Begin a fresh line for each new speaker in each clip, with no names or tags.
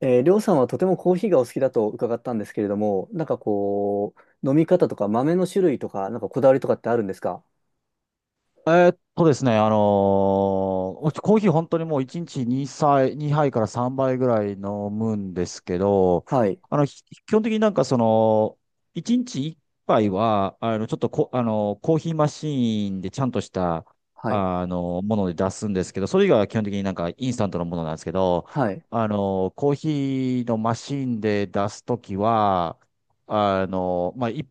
りょうさんはとてもコーヒーがお好きだと伺ったんですけれども、なんかこう、飲み方とか豆の種類とか、なんかこだわりとかってあるんですか？
ですね、うちコーヒー本当にもう1日2杯、2杯から3杯ぐらい飲むんですけど、
はい、
基本的になんか1日1杯は、ちょっとこ、コーヒーマシーンでちゃんとした、
はい、
もので出すんですけど、それ以外は基本的になんかインスタントのものなんですけど、
はい、
コーヒーのマシーンで出すときは、まあ、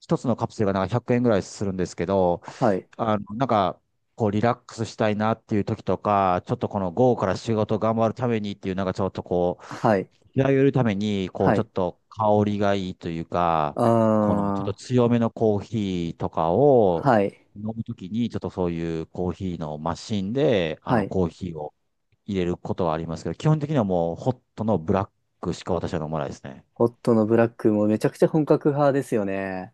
一つのカプセルがなんか100円ぐらいするんですけど、
はい、
あの、なんか、こう、リラックスしたいなっていう時とか、ちょっとこの午後から仕事頑張るためにっていう、なんかちょっとこう、
はい、
気合を入れるために、こう、
は
ちょ
い、
っと香りがいいというか、
あ
このちょっと強めのコーヒーとか
ー、
を
はい、
飲むときに、ちょっとそういうコーヒーのマシンで、
はい。
コーヒーを入れることはありますけど、基本的にはもうホットのブラックしか私は飲まないですね。
ホットのブラックもめちゃくちゃ本格派ですよね。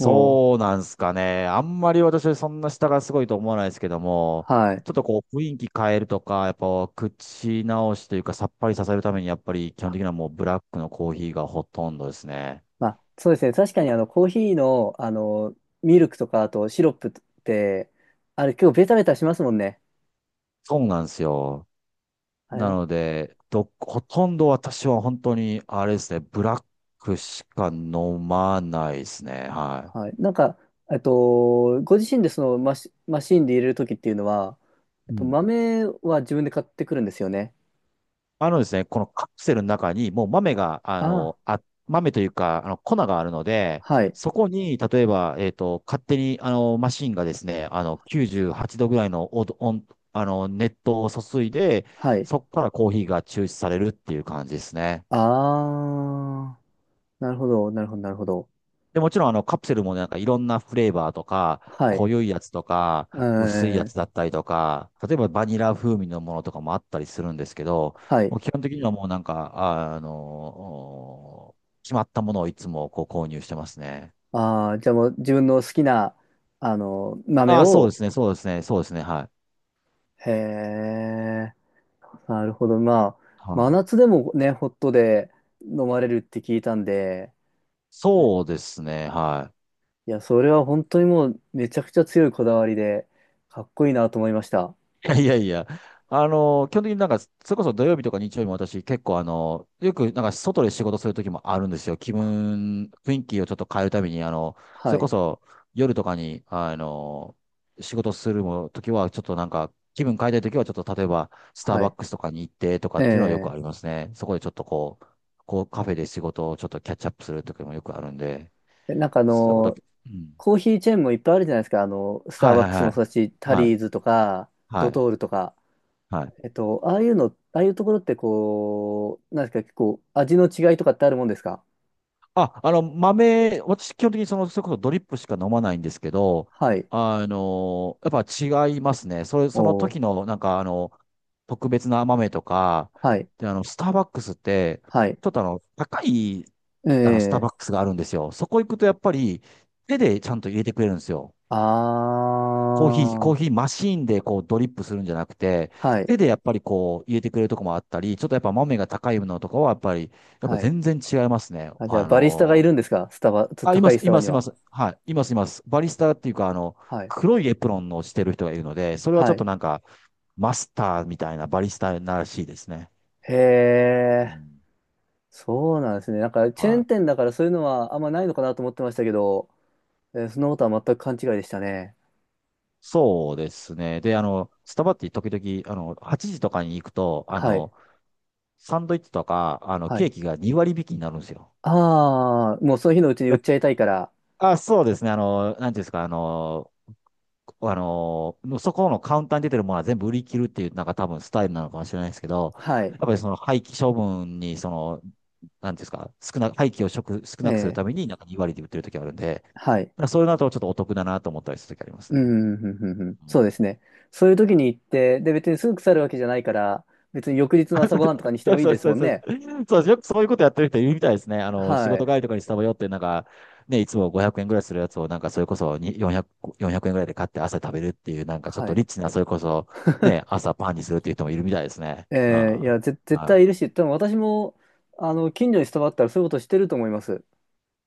も
うなんすかね。あんまり私はそんな下がすごいと思わないですけども、
う、はい。
ちょっとこう雰囲気変えるとか、やっぱ口直しというかさっぱりさせるためにやっぱり基本的にはもうブラックのコーヒーがほとんどですね。
まあ、そうですね。確かにあの、コーヒーの、あの、ミルクとか、あとシロップって、あれ結構ベタベタしますもんね。
そうなんですよ。
あ
な
れ。
ので、ほとんど私は本当にあれですね、ブラックしか飲まないですね。は
はい。なんか、ご自身でそのマシーンで入れるときっていうのは、
い。うん。
豆は自分で買ってくるんですよね。
あのですね、このカプセルの中にもう豆が、
ああ、
豆というか、粉があるので、
はい。
そこに、例えば、勝手に、マシンがですね、98度ぐらいの熱湯を注いで、
はい。
そこからコーヒーが抽出されるっていう感じですね。
ああ、なるほど、なるほど、なるほど。
で、もちろんあのカプセルもなんかいろんなフレーバーとか、
は
濃
い。
いやつとか、
え
薄いや
ー、
つだったりとか、例えばバニラ風味のものとかもあったりするんですけど、
は
も
い。
う基本的にはもうなんか、決まったものをいつもこう購入してますね。
ああ、じゃあもう自分の好きな、あの、豆
ああ、そうで
を、
すね、そうですね、そうですね、はい。
へえ、なるほど。まあ、
は
真
い。
夏でもね、ホットで飲まれるって聞いたんで、うん。
そうです
い
ね、
や
はい。
いや、それは本当にもうめちゃくちゃ強いこだわりで、かっこいいなと思いました。
いやいや いや、基本的になんか、それこそ土曜日とか日曜日も私結構よくなんか外で仕事する時もあるんですよ。気分、雰囲気をちょっと変えるために、そ
は
れこ
い。
そ夜とかに、仕事するも時はちょっとなんか、気分変えたい時はちょっと例えば、スター
は
バ
い。
ックスとかに行ってとかっていうのはよく
え
あ
え
りますね。そこでちょっとこう、カフェで仕事をちょっとキャッチアップする時もよくあるんで、
えなんかあ
そういうこと、
の、
うん。
コーヒーチェーンもいっぱいあるじゃないですか。あの、スター
はい
バッ
はい
クス
は
も
い。
そうだし、タ
はい。
リーズとか、
は
ド
い。
トールとか。
はい。
ああいうの、ああいうところってこう、なんですか、結構味の違いとかってあるもんですか？
あ、豆、私、基本的にその、それこそドリップしか飲まないんですけど、
はい。
やっぱ違いますね。それ、その
お
時
ー、
の、なんか、特別な豆とか、
はい。
で、スターバックスって、
はい。
ちょっと高い、スター
ええ。
バックスがあるんですよ。そこ行くと、やっぱり、手でちゃんと入れてくれるんですよ。
あ
コー
ー、
ヒーマシーンでこうドリップするんじゃなくて、
はい。
手でやっぱりこう入れてくれるとこもあったり、ちょっとやっぱ豆が高いのとかはやっぱり、やっぱ
はい。
全然違いますね。
あ、じゃあ、バリスタがいるんですか、スタバ、
あ、いま
高い
す、
ス
い
タバ
ま
に
す、いま
は？
す。はい、います、います。バリスタっていうか、
はい。
黒いエプロンをしてる人がいるので、それはちょ
は
っと
い。
なんか、マスターみたいなバリスタならしいですね。
へ
う
え、
ん、
そうなんですね。なんか、チェー
は
ン
い。
店だからそういうのはあんまないのかなと思ってましたけど、そんなことは全く勘違いでしたね。
そうですね。で、スタバって時々、8時とかに行くと、
はい。
サンドイッチとか、
は
ケ
い。
ーキが2割引きになるんですよ。
ああ、もうその日のうちに売っちゃいたいから。
あ、そうですね。なんていうんですか、そこのカウンターに出てるものは全部売り切るっていう、なんか多分スタイルなのかもしれないですけど、
は
やっ
い。
ぱりその廃棄処分に、なんていうんですか、廃棄を食、少
え
なくする
え、
ために、なんか2割で売ってる時あるんで、
はい。
まあそういうのだとちょっとお得だなと思ったりする時あります
う
ね。
ん、うん、うん、うん。
う
そうで
ん。
すね。そういう時に行って、で、別にすぐ腐るわけじゃないから、別に翌日の朝ごはんとか にして
そ
も
う
いい
そう
です
そう
もん
そう。
ね。
そうよくそういうことやってる人いるみたいですね。仕
は
事
い。
帰りとかにスタバ寄って、なんか、ね、いつも500円ぐらいするやつを、なんかそれこそに400、4円ぐらいで買って朝食べるっていう、なんかちょっ
は
と
い。
リッチな、それこそ、ね、朝パンにするっていう人もいるみたいですね。うん。
ええ、い
は
や、絶対いる
い。
し、多分私も、あの、近所にスタバあったらそういうことしてると思います。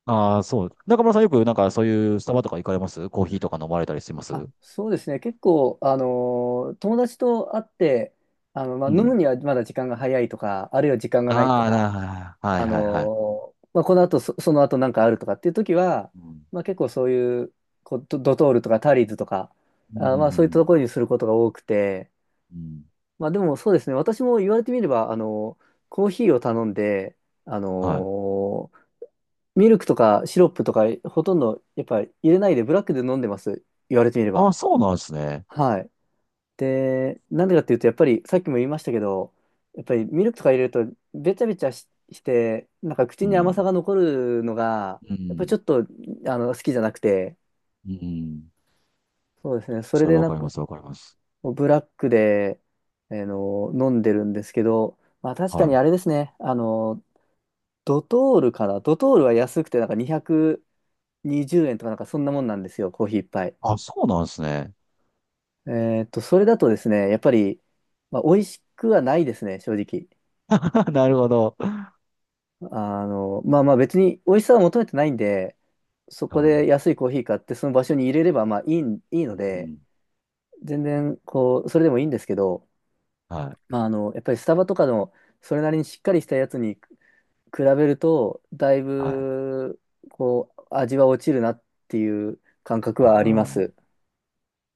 ああ、そう。中村さんよくなんかそういうスタバとか行かれますコーヒーとか飲まれたりしま
あ、
す
そうですね。結構、友達と会って、あの、まあ、
う
飲む
ん。
にはまだ時間が早いとか、あるいは時間がないと
ああ、
か、
はいはいはい。
まあ、この後その後なんかあるとかっていう時は、
うん。
まあ、結構そういう、こう、ドトールとかタリーズとか、
うん、う
あ、まあ、そういった
ん、
ところにすることが多くて、
うん。うん、
まあ、でもそうですね。私も言われてみれば、あのコーヒーを頼んで、あ
はい。
のーミルクとかシロップとか、ほとんどやっぱり入れないでブラックで飲んでます。言われてみれ
あ
ば。
あ、そうなんですね。
はい。で、なんでかっていうと、やっぱりさっきも言いましたけど、やっぱりミルクとか入れると、べちゃべちゃして、なんか
う
口に甘さ
ん。
が残るのが、
う
やっぱり
ん。
ちょっとあの好きじゃなくて、
うん。
そうですね、それ
それ
で
わ
なん
かり
か
ます、わかります。
ブラックで、あの飲んでるんですけど、まあ確か
は
にあれ
い。
ですね、あの、ドトールかな、ドトールは安くて、なんか220円とか、なんかそんなもんなんですよ、コーヒー一杯。
あ、そうなんですね。
それだとですね、やっぱり、まあ、美味しくはないですね、正直。
なるほど。
あの、まあまあ別に美味しさは求めてないんで、そ
う
こで
ん。
安いコーヒー買ってその場所に入れればまあいい
う
ので、
ん。
全然こう、それでもいいんですけど、
はい。
まああの、やっぱりスタバとかのそれなりにしっかりしたやつに比べると、だい
はい。
ぶこう、味は落ちるなっていう感覚
う
はありま
ん。
す。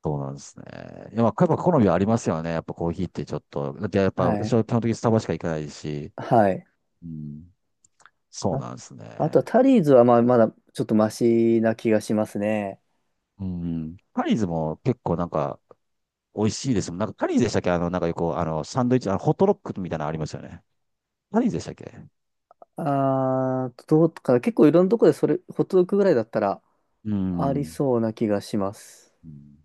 そうなんですね。いや、まあ、やっぱ好みはありますよね。やっぱコーヒーってちょっと。だってやっぱ
は
私
い。
は基本的にスタバしか行かないし。
はい。
うん。そう
あ、
なんです
あとは
ね。
タリーズはまあまだちょっとマシな気がしますね。
うん。パリーズも結構なんか、美味しいですもん。なんか、カリーでしたっけ？なんかよく、サンドイッチ、ホットロックみたいなのありますよね。カリーでしたっけ？う
あー、どうかな。結構いろんなとこでそれ、ホットドッグぐらいだったら、
ー
あり
ん。
そうな気がします。
うん。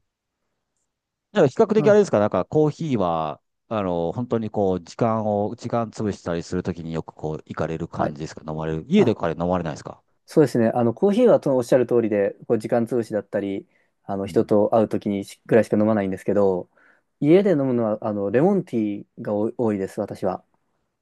だから比較的あ
あ、
れですか？なんか、コーヒーは、本当にこう、時間潰したりするときによくこう、行かれる
は
感
い。
じですか？飲まれる。家で
あ、
カレー飲まれないですか？
そうですね。あの、コーヒーはとおっしゃる通りで、こう時間潰しだったり、あの、
う
人
ん。
と会うときにしぐらいしか飲まないんですけど、家で飲むのは、あの、レモンティーがお多いです、私は。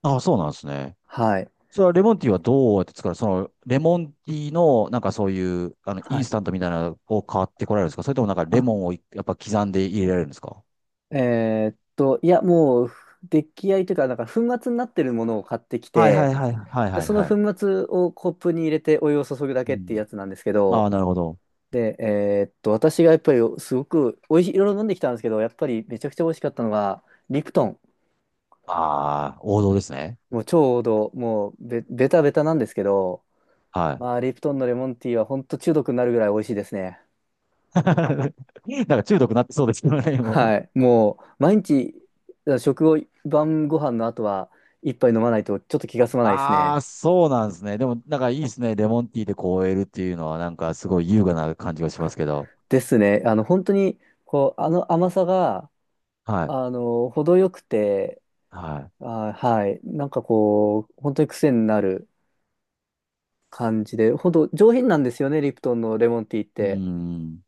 ああ、そうなんですね。
はい。
それはレモンティーはどうやって作る？その、レモンティーの、なんかそういう、イ
は
ンス
い。
タントみたいなのを買ってこられるんですか？それともなんかレ
あ、
モンをやっぱ刻んで入れられるんですか？
いや、もう、出来合いというか、なんか粉末になってるものを買ってき
はいは
て、
いはいはい
で
はい
その
は
粉
い。
末をコップに入れてお湯を注ぐだ
う
けっていう
ん。
やつなんですけ
あ
ど、
あ、なるほど。
で、私がやっぱりすごくおいしい、いろいろ飲んできたんですけど、やっぱりめちゃくちゃ美味しかったのが、リプトン。
ああ、王道ですね。
もうちょうど、もうベタベタなんですけど、
はい。
まあ、リプトンのレモンティーは本当中毒になるぐらい美味しいですね。
なんか中毒になってそうですけどね、もう。
はい。もう、毎日、食後、晩ご飯の後は、一杯飲まないとちょっと気が済まないです
ああ、
ね。
そうなんですね。でも、なんかいいですね。レモンティーでこう終えるっていうのは、なんかすごい優雅な感じがしますけど。
ですね。あの、本当に、こう、あの甘さが、
はい。
あの、程よくて、
は
あ、はい。なんかこう、本当に癖になる感じで、ほんと上品なんですよね、リプトンのレモンティーっ
い。うー
て。
ん。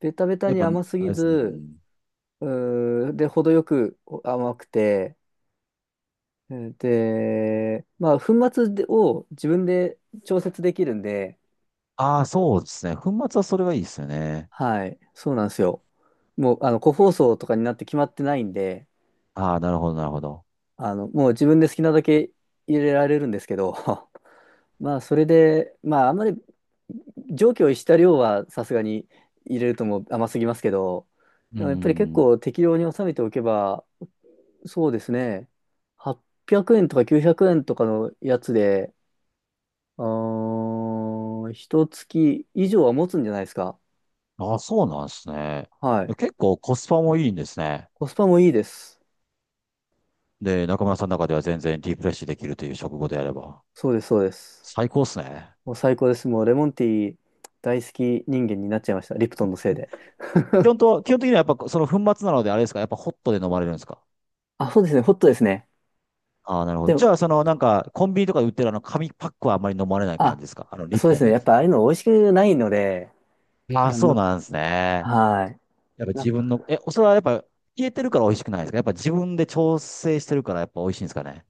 ベタベタ
やっ
に
ぱ、
甘す
あれ
ぎ
ですね。
ず、で、程よく甘くて、うんで、まあ、粉末を自分で調節できるんで、
ああ、そうですね。粉末はそれがいいですよね。
はい、そうなんですよ。もう、あの、個包装とかになって決まってないんで、
ああ、なるほど、なるほど。
あの、もう自分で好きなだけ入れられるんですけど、まあ、それで、まあ、あんまり常軌を逸した量はさすがに入れるともう甘すぎますけど、
うー
でもやっぱり結構
ん。
適量に収めておけば、そうですね、800円とか900円とかのやつで、一月以上は持つんじゃないですか。
ああ、そうなんですね。
はい。
結構コスパもいいんですね。
コスパもいいです。
で、中村さんの中では全然リフレッシュできるという食後であれば。
そうです、そうです。
最高っすね。
もう最高です。もうレモンティー大好き人間になっちゃいました。リプトンのせいで。
基本的にはやっぱその粉末なのであれですか？やっぱホットで飲まれるんですか？
あ、そうですね。ホットですね。
ああー、なるほ
で
ど。じ
も、
ゃあ、そのなんか、コンビニとかで売ってるあの紙パックはあんまり飲まれない感
あ、
じですか？リ
そ
プ
うで
トン
す
の
ね。
や
やっ
つ。
ぱああいうの美味しくないので、
ああ、
あ
そう
の
なんですね。
はい。
やっぱ
い
自分の、それはやっぱ消えてるから美味しくないですか？やっぱ自分で調整してるからやっぱ美味しいんですかね？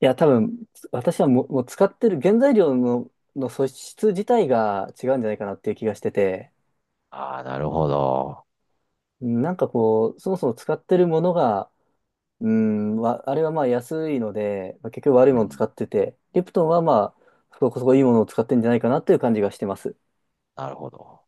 や、多分、私はもう、使ってる原材料の素質自体が違うんじゃないかなっていう気がしてて、
ああなるほど。
なんかこう、そもそも使ってるものが、うん、あれはまあ安いので、まあ結局悪い
う
もの
ん、
使ってて、リプトンはまあ、そこそこいいものを使ってんじゃないかなっていう感じがしてます。
なるほど。